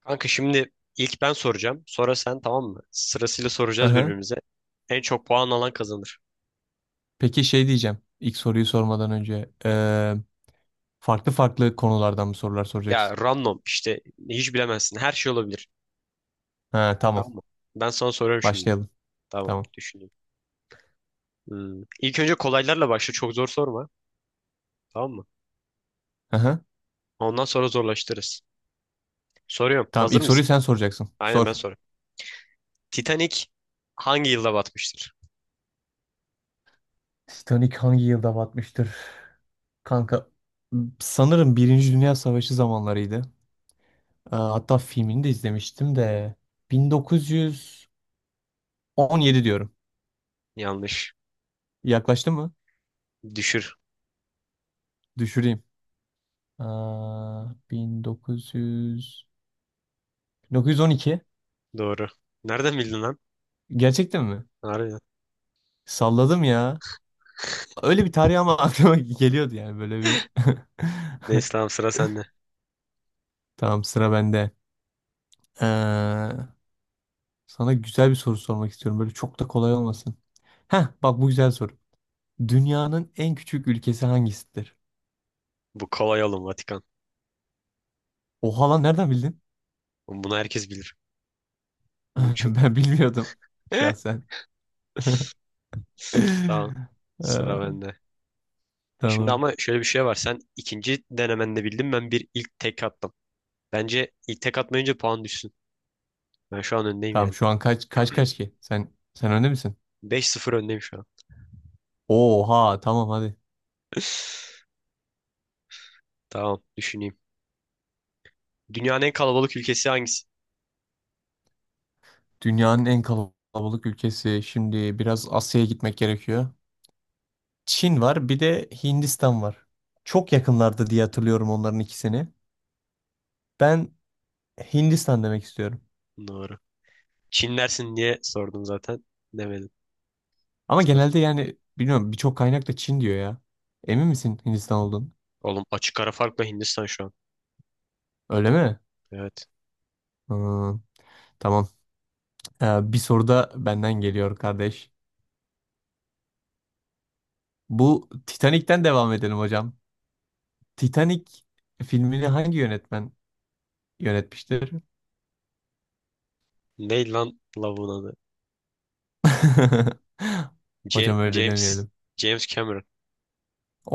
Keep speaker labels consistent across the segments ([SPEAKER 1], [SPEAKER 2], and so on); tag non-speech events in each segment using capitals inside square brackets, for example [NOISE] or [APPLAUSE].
[SPEAKER 1] Kanka şimdi ilk ben soracağım. Sonra sen, tamam mı? Sırasıyla soracağız
[SPEAKER 2] Aha.
[SPEAKER 1] birbirimize. En çok puan alan kazanır.
[SPEAKER 2] Peki şey diyeceğim. İlk soruyu sormadan önce. Farklı farklı konulardan mı sorular
[SPEAKER 1] Ya
[SPEAKER 2] soracaksın?
[SPEAKER 1] random işte, hiç bilemezsin. Her şey olabilir.
[SPEAKER 2] Ha, tamam.
[SPEAKER 1] Tamam mı? Ben sana soruyorum şimdi.
[SPEAKER 2] Başlayalım.
[SPEAKER 1] Tamam,
[SPEAKER 2] Tamam.
[SPEAKER 1] düşüneyim. Hmm. İlk önce kolaylarla başla. Çok zor sorma. Tamam mı?
[SPEAKER 2] Aha.
[SPEAKER 1] Ondan sonra zorlaştırırız. Soruyorum.
[SPEAKER 2] Tamam
[SPEAKER 1] Hazır
[SPEAKER 2] ilk soruyu
[SPEAKER 1] mısın?
[SPEAKER 2] sen soracaksın.
[SPEAKER 1] Aynen, ben
[SPEAKER 2] Sor.
[SPEAKER 1] soruyorum. Titanic hangi yılda batmıştır?
[SPEAKER 2] Titanic hangi yılda batmıştır? Kanka sanırım Birinci Dünya Savaşı zamanlarıydı. Hatta filmini de izlemiştim de 1917 diyorum.
[SPEAKER 1] Yanlış.
[SPEAKER 2] Yaklaştı mı?
[SPEAKER 1] Düşür.
[SPEAKER 2] Düşüreyim. Aa, 1900 1912.
[SPEAKER 1] Doğru. Nereden bildin lan?
[SPEAKER 2] Gerçekten mi?
[SPEAKER 1] Harbiden.
[SPEAKER 2] Salladım ya. Öyle bir tarih ama [LAUGHS] aklıma geliyordu yani böyle bir.
[SPEAKER 1] Neyse tamam,
[SPEAKER 2] [LAUGHS]
[SPEAKER 1] sıra sende.
[SPEAKER 2] Tamam sıra bende. Ee, sana güzel bir soru sormak istiyorum. Böyle çok da kolay olmasın. Heh bak bu güzel soru. Dünyanın en küçük ülkesi hangisidir?
[SPEAKER 1] Bu kolay oğlum, Vatikan.
[SPEAKER 2] Oha lan nereden bildin?
[SPEAKER 1] Bunu herkes bilir. Bu çok...
[SPEAKER 2] [LAUGHS] Ben bilmiyordum
[SPEAKER 1] [LAUGHS]
[SPEAKER 2] şahsen. [LAUGHS]
[SPEAKER 1] Tamam. Sıra
[SPEAKER 2] Ee,
[SPEAKER 1] bende. Şimdi
[SPEAKER 2] tamam.
[SPEAKER 1] ama şöyle bir şey var. Sen ikinci denemende bildin. Ben bir ilk tek attım. Bence ilk tek atmayınca puan düşsün. Ben şu an öndeyim
[SPEAKER 2] Tamam
[SPEAKER 1] yani.
[SPEAKER 2] şu an kaç kaç ki? Sen önde misin?
[SPEAKER 1] 5-0 öndeyim şu an.
[SPEAKER 2] Oha tamam hadi.
[SPEAKER 1] [LAUGHS] Tamam. Düşüneyim. Dünyanın en kalabalık ülkesi hangisi?
[SPEAKER 2] Dünyanın en kalabalık ülkesi. Şimdi biraz Asya'ya gitmek gerekiyor. Çin var, bir de Hindistan var. Çok yakınlardı diye hatırlıyorum onların ikisini. Ben Hindistan demek istiyorum.
[SPEAKER 1] Doğru. Çin dersin diye sordum zaten. Demedim.
[SPEAKER 2] Ama genelde yani bilmiyorum birçok kaynak da Çin diyor ya. Emin misin Hindistan olduğunu?
[SPEAKER 1] Oğlum, açık ara farkla Hindistan şu an.
[SPEAKER 2] Öyle mi?
[SPEAKER 1] Evet.
[SPEAKER 2] Hmm, tamam. Bir soru da benden geliyor kardeş. Bu Titanic'ten devam edelim hocam. Titanic filmini hangi yönetmen yönetmiştir?
[SPEAKER 1] Ney lan lavuğun adı?
[SPEAKER 2] [LAUGHS]
[SPEAKER 1] C
[SPEAKER 2] Hocam öyle
[SPEAKER 1] James.
[SPEAKER 2] demeyelim.
[SPEAKER 1] James Cameron.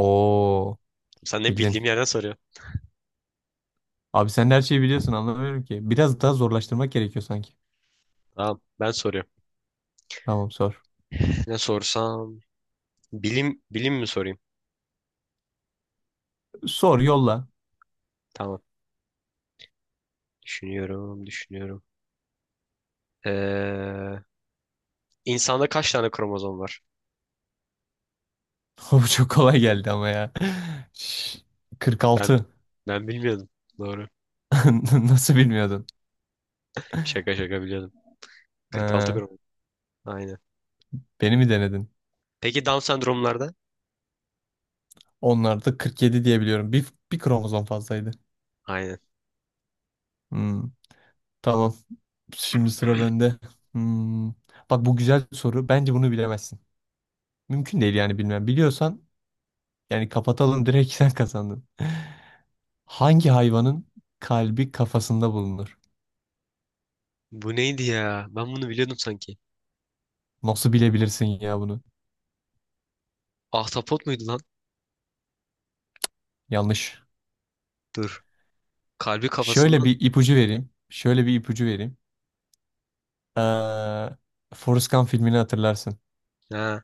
[SPEAKER 2] Oo,
[SPEAKER 1] Sen ne
[SPEAKER 2] bildin.
[SPEAKER 1] bildiğim yerden soruyor.
[SPEAKER 2] Abi sen de her şeyi biliyorsun anlamıyorum ki. Biraz daha zorlaştırmak gerekiyor sanki.
[SPEAKER 1] Tamam. Ben soruyorum.
[SPEAKER 2] Tamam sor.
[SPEAKER 1] Ne sorsam? Bilim bilim mi sorayım?
[SPEAKER 2] Sor yolla.
[SPEAKER 1] Tamam. Düşünüyorum, düşünüyorum. Ee, insanda kaç tane kromozom var?
[SPEAKER 2] [LAUGHS] Bu çok kolay geldi ama ya. Şş,
[SPEAKER 1] Ben
[SPEAKER 2] 46.
[SPEAKER 1] ben bilmiyordum. Doğru.
[SPEAKER 2] [LAUGHS] Nasıl bilmiyordun?
[SPEAKER 1] Şaka şaka biliyordum. 46
[SPEAKER 2] Ha,
[SPEAKER 1] kromozom. Aynen.
[SPEAKER 2] beni mi denedin?
[SPEAKER 1] Peki Down sendromlarda?
[SPEAKER 2] Onlarda 47 diye biliyorum. Bir kromozom fazlaydı.
[SPEAKER 1] Aynen.
[SPEAKER 2] Hmm, tamam. Şimdi sıra bende. Hmm, Bak bu güzel soru. Bence bunu bilemezsin. Mümkün değil yani bilmem. Biliyorsan yani kapatalım direkt [LAUGHS] sen kazandın. Hangi hayvanın kalbi kafasında bulunur?
[SPEAKER 1] Bu neydi ya? Ben bunu biliyordum sanki.
[SPEAKER 2] Nasıl bilebilirsin ya bunu?
[SPEAKER 1] Ahtapot muydu lan?
[SPEAKER 2] Yanlış.
[SPEAKER 1] Dur. Kalbi
[SPEAKER 2] Şöyle
[SPEAKER 1] kafasından.
[SPEAKER 2] bir ipucu vereyim. Şöyle bir ipucu vereyim. Ee, Forrest Gump filmini hatırlarsın.
[SPEAKER 1] Ha.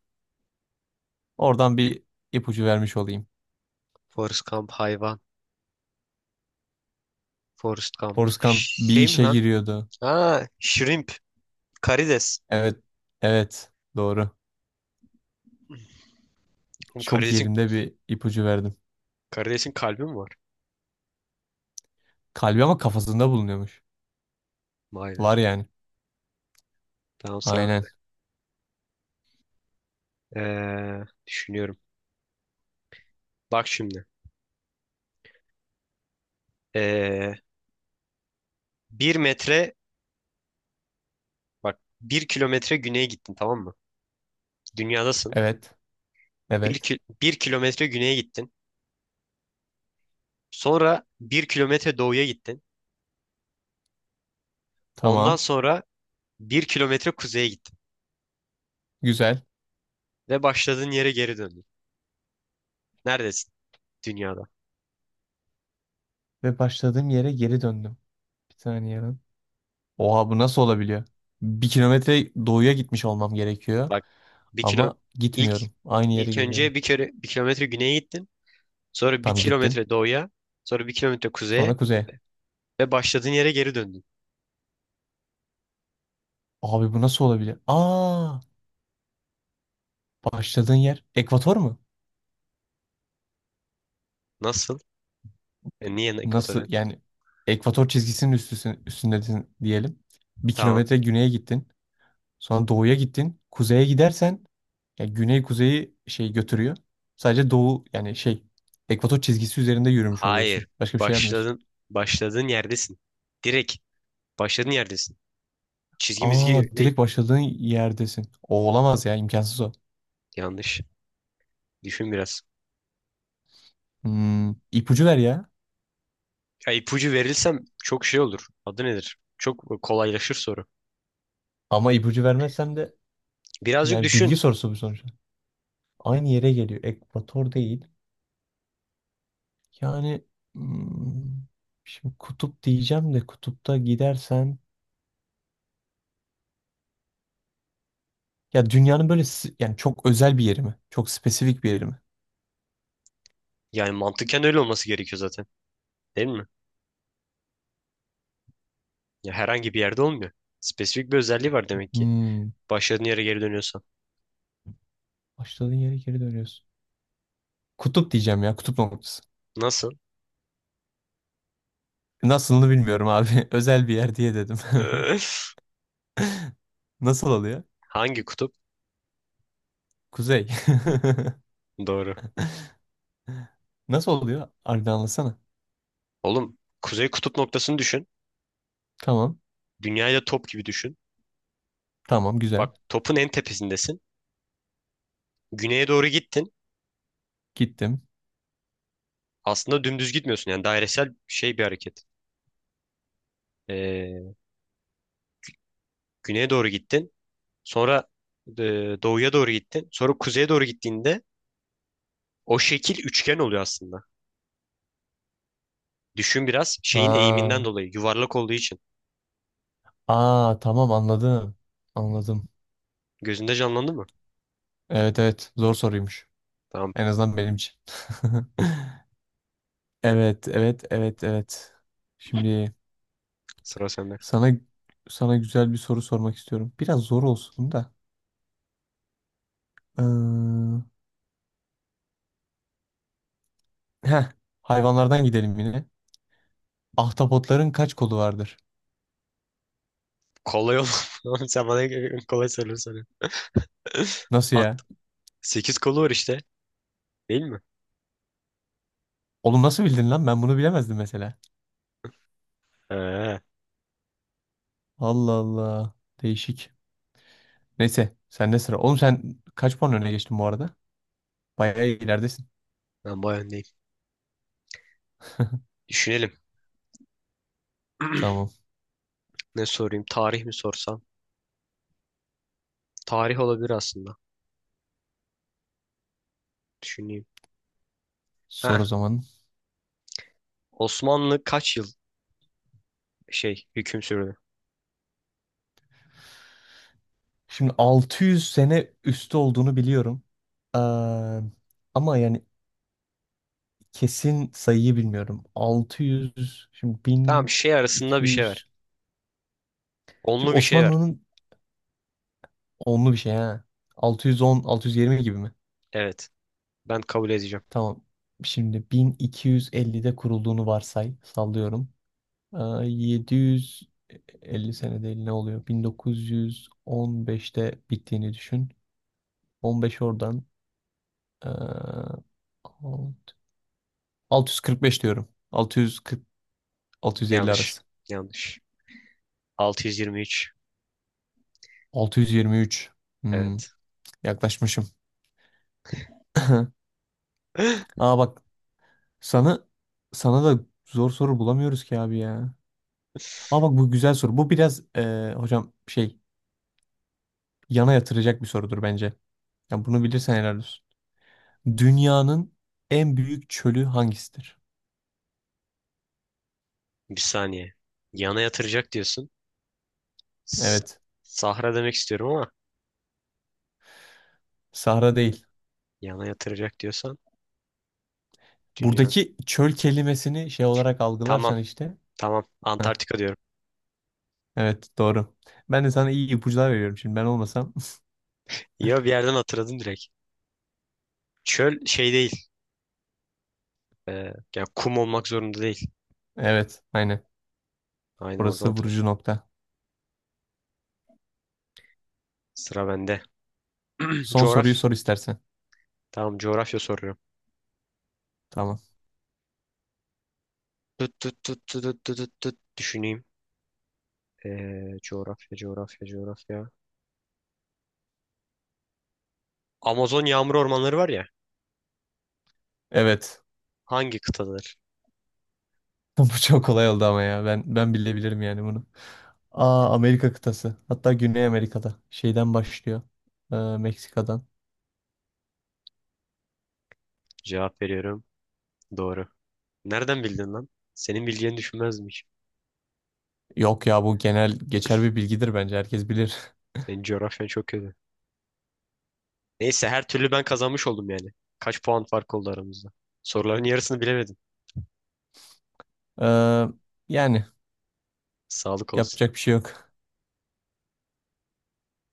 [SPEAKER 2] Oradan bir ipucu vermiş olayım.
[SPEAKER 1] Forrest Gump hayvan. Forrest Gump.
[SPEAKER 2] Forrest Gump bir
[SPEAKER 1] Şey mi
[SPEAKER 2] işe
[SPEAKER 1] lan?
[SPEAKER 2] giriyordu.
[SPEAKER 1] Ha. Shrimp. Karides.
[SPEAKER 2] Evet. Evet. Doğru.
[SPEAKER 1] Oğlum
[SPEAKER 2] Çok
[SPEAKER 1] karidesin,
[SPEAKER 2] yerinde bir ipucu verdim.
[SPEAKER 1] karidesin kalbi mi var?
[SPEAKER 2] Kalbi ama kafasında bulunuyormuş.
[SPEAKER 1] Vay be.
[SPEAKER 2] Var yani.
[SPEAKER 1] Tamam, sıra
[SPEAKER 2] Aynen.
[SPEAKER 1] bende. Düşünüyorum. Bak şimdi. Ee, Bir metre bak bir kilometre güneye gittin, tamam mı? Dünyadasın.
[SPEAKER 2] Evet.
[SPEAKER 1] Bir,
[SPEAKER 2] Evet.
[SPEAKER 1] ki- bir kilometre güneye gittin. Sonra bir kilometre doğuya gittin. Ondan
[SPEAKER 2] Tamam.
[SPEAKER 1] sonra bir kilometre kuzeye gittin.
[SPEAKER 2] Güzel.
[SPEAKER 1] Ve başladığın yere geri döndün. Neredesin dünyada?
[SPEAKER 2] Ve başladığım yere geri döndüm. Bir saniye lan. Oha bu nasıl olabiliyor? Bir kilometre doğuya gitmiş olmam gerekiyor.
[SPEAKER 1] Bak, bir kilo
[SPEAKER 2] Ama
[SPEAKER 1] ilk
[SPEAKER 2] gitmiyorum. Aynı yere
[SPEAKER 1] ilk
[SPEAKER 2] geliyorum.
[SPEAKER 1] önce bir kere bir kilometre güneye gittin. Sonra bir
[SPEAKER 2] Tam gittim.
[SPEAKER 1] kilometre doğuya. Sonra bir kilometre kuzeye.
[SPEAKER 2] Sonra kuzeye.
[SPEAKER 1] Ve başladığın yere geri döndün.
[SPEAKER 2] Abi bu nasıl olabilir? Aa, başladığın yer ekvator mu?
[SPEAKER 1] Nasıl? Niye
[SPEAKER 2] Nasıl
[SPEAKER 1] ekvatorya?
[SPEAKER 2] yani ekvator çizgisinin üstüsün, üstündesin diyelim. Bir
[SPEAKER 1] Tamam.
[SPEAKER 2] kilometre güneye gittin. Sonra doğuya gittin. Kuzeye gidersen ya güney kuzeyi şey götürüyor. Sadece doğu yani şey ekvator çizgisi üzerinde yürümüş oluyorsun.
[SPEAKER 1] Hayır.
[SPEAKER 2] Başka bir şey yapmıyorsun.
[SPEAKER 1] Başladın. Başladığın yerdesin. Direkt başladığın yerdesin. Çizgi
[SPEAKER 2] Aa
[SPEAKER 1] mizgi değil.
[SPEAKER 2] direkt başladığın yerdesin. O olamaz ya imkansız o.
[SPEAKER 1] Yanlış. Düşün biraz.
[SPEAKER 2] Hmm, ipucu ver ya.
[SPEAKER 1] Ya ipucu verilsem çok şey olur. Adı nedir? Çok kolaylaşır soru.
[SPEAKER 2] Ama ipucu vermezsem de.
[SPEAKER 1] Birazcık
[SPEAKER 2] Yani bilgi
[SPEAKER 1] düşün.
[SPEAKER 2] sorusu bu sonuçta. Aynı yere geliyor. Ekvator değil. Yani hmm, şimdi kutup diyeceğim de kutupta gidersen ya dünyanın böyle yani çok özel bir yeri mi? Çok spesifik bir yeri mi?
[SPEAKER 1] Yani mantıken öyle olması gerekiyor zaten. Değil mi? Ya herhangi bir yerde olmuyor. Spesifik bir özelliği var demek ki.
[SPEAKER 2] Hmm,
[SPEAKER 1] Başladığın yere geri dönüyorsan.
[SPEAKER 2] başladığın yere geri dönüyorsun. Kutup diyeceğim ya. Kutup noktası.
[SPEAKER 1] Nasıl?
[SPEAKER 2] Nasılını bilmiyorum abi. [LAUGHS] Özel bir yer diye dedim. [LAUGHS]
[SPEAKER 1] Öf.
[SPEAKER 2] Nasıl oluyor?
[SPEAKER 1] Hangi kutup?
[SPEAKER 2] Kuzey.
[SPEAKER 1] Doğru.
[SPEAKER 2] [LAUGHS] Nasıl oluyor? Harbiden anlatsana.
[SPEAKER 1] Oğlum, kuzey kutup noktasını düşün.
[SPEAKER 2] Tamam.
[SPEAKER 1] Dünyayı da top gibi düşün.
[SPEAKER 2] Tamam
[SPEAKER 1] Bak,
[SPEAKER 2] güzel.
[SPEAKER 1] topun en tepesindesin. Güneye doğru gittin.
[SPEAKER 2] Gittim.
[SPEAKER 1] Aslında dümdüz gitmiyorsun. Yani dairesel şey bir hareket. Ee, Güneye doğru gittin. Sonra e, doğuya doğru gittin. Sonra kuzeye doğru gittiğinde o şekil üçgen oluyor aslında. Düşün biraz, şeyin eğiminden
[SPEAKER 2] Ha.
[SPEAKER 1] dolayı yuvarlak olduğu için.
[SPEAKER 2] Aa tamam anladım. Anladım.
[SPEAKER 1] Gözünde canlandı mı?
[SPEAKER 2] Evet evet zor soruymuş.
[SPEAKER 1] Tamam,
[SPEAKER 2] En azından benim için. [LAUGHS] Evet evet evet evet. Şimdi
[SPEAKER 1] sıra sende.
[SPEAKER 2] sana sana güzel bir soru sormak istiyorum. Biraz zor olsun da. Ee, heh, hayvanlardan gidelim yine. Ahtapotların kaç kolu vardır?
[SPEAKER 1] Kolay ol. [LAUGHS] Sen bana kolay soruları soruyorsun. [LAUGHS]
[SPEAKER 2] Nasıl
[SPEAKER 1] At.
[SPEAKER 2] ya?
[SPEAKER 1] Sekiz kolu var işte. Değil mi?
[SPEAKER 2] Oğlum nasıl bildin lan? Ben bunu bilemezdim mesela.
[SPEAKER 1] Ee,
[SPEAKER 2] Allah Allah. Değişik. Neyse sende sıra. Oğlum sen kaç puan öne geçtin bu arada? Bayağı ileridesin.
[SPEAKER 1] Ben bayağı öndeyim. Düşünelim.
[SPEAKER 2] Tamam.
[SPEAKER 1] [CLEARS THROAT] Ne sorayım? Tarih mi sorsam? Tarih olabilir aslında. Düşüneyim.
[SPEAKER 2] Sor
[SPEAKER 1] Heh.
[SPEAKER 2] o zaman.
[SPEAKER 1] Osmanlı kaç yıl şey hüküm sürdü?
[SPEAKER 2] Şimdi 600 sene üstü olduğunu biliyorum. Eee, ama yani kesin sayıyı bilmiyorum. 600, şimdi
[SPEAKER 1] Tamam, şey arasında bir şey ver.
[SPEAKER 2] 1200. Şimdi
[SPEAKER 1] Onlu bir şey ver.
[SPEAKER 2] Osmanlı'nın onlu bir şey ha. 610, 620 gibi mi?
[SPEAKER 1] Evet. Ben kabul edeceğim.
[SPEAKER 2] Tamam. Şimdi 1250'de kurulduğunu varsay, sallıyorum. Eee, 750 sene değil ne oluyor? 1915'te bittiğini düşün. 15 oradan. eee 645 diyorum. 640-650
[SPEAKER 1] Yanlış.
[SPEAKER 2] arası.
[SPEAKER 1] Yanlış. 623.
[SPEAKER 2] 623. Hmm,
[SPEAKER 1] Evet.
[SPEAKER 2] yaklaşmışım. [LAUGHS]
[SPEAKER 1] [GASPS]
[SPEAKER 2] Aa bak sana sana da zor soru bulamıyoruz ki abi ya. Aa bak bu güzel soru. Bu biraz hocam şey yana yatıracak bir sorudur bence. Ya bunu bilirsen helal olsun. Dünyanın en büyük çölü hangisidir?
[SPEAKER 1] Bir saniye. Yana yatıracak diyorsun. S-
[SPEAKER 2] Evet.
[SPEAKER 1] Sahra demek istiyorum ama
[SPEAKER 2] Sahra değil.
[SPEAKER 1] yana yatıracak diyorsan dünya.
[SPEAKER 2] Buradaki çöl kelimesini şey olarak
[SPEAKER 1] Tamam.
[SPEAKER 2] algılarsan işte.
[SPEAKER 1] Tamam.
[SPEAKER 2] Heh,
[SPEAKER 1] Antarktika diyorum.
[SPEAKER 2] evet doğru. Ben de sana iyi ipuçlar veriyorum. Şimdi ben olmasam.
[SPEAKER 1] Ya bir yerden hatırladım direkt. Çöl şey değil. Ya kum olmak zorunda değil.
[SPEAKER 2] Evet, aynen.
[SPEAKER 1] Aynı oradan
[SPEAKER 2] Burası
[SPEAKER 1] hatırladım.
[SPEAKER 2] vurucu nokta.
[SPEAKER 1] Sıra bende. [CLEARS THROAT]
[SPEAKER 2] Son
[SPEAKER 1] Coğraf.
[SPEAKER 2] soruyu sor istersen.
[SPEAKER 1] Tamam, coğrafya soruyorum.
[SPEAKER 2] Tamam.
[SPEAKER 1] Tut tut tut tut tut tut tut tut. Düşüneyim. Coğrafya coğrafya coğrafya. Amazon yağmur ormanları var ya.
[SPEAKER 2] Evet.
[SPEAKER 1] Hangi kıtadır?
[SPEAKER 2] [LAUGHS] Bu çok kolay oldu ama ya. Ben bilebilirim yani bunu. Aa, Amerika kıtası. Hatta Güney Amerika'da. Şeyden başlıyor. Meksika'dan.
[SPEAKER 1] Cevap veriyorum. Doğru. Nereden bildin lan? Senin bileceğini düşünmezmiş.
[SPEAKER 2] Yok ya bu genel geçer bir bilgidir bence. Herkes bilir. [LAUGHS]
[SPEAKER 1] Senin coğrafyan çok kötü. Neyse her türlü ben kazanmış oldum yani. Kaç puan fark oldu aramızda? Soruların yarısını bilemedim.
[SPEAKER 2] Ee, yani
[SPEAKER 1] Sağlık olsun.
[SPEAKER 2] yapacak bir şey yok.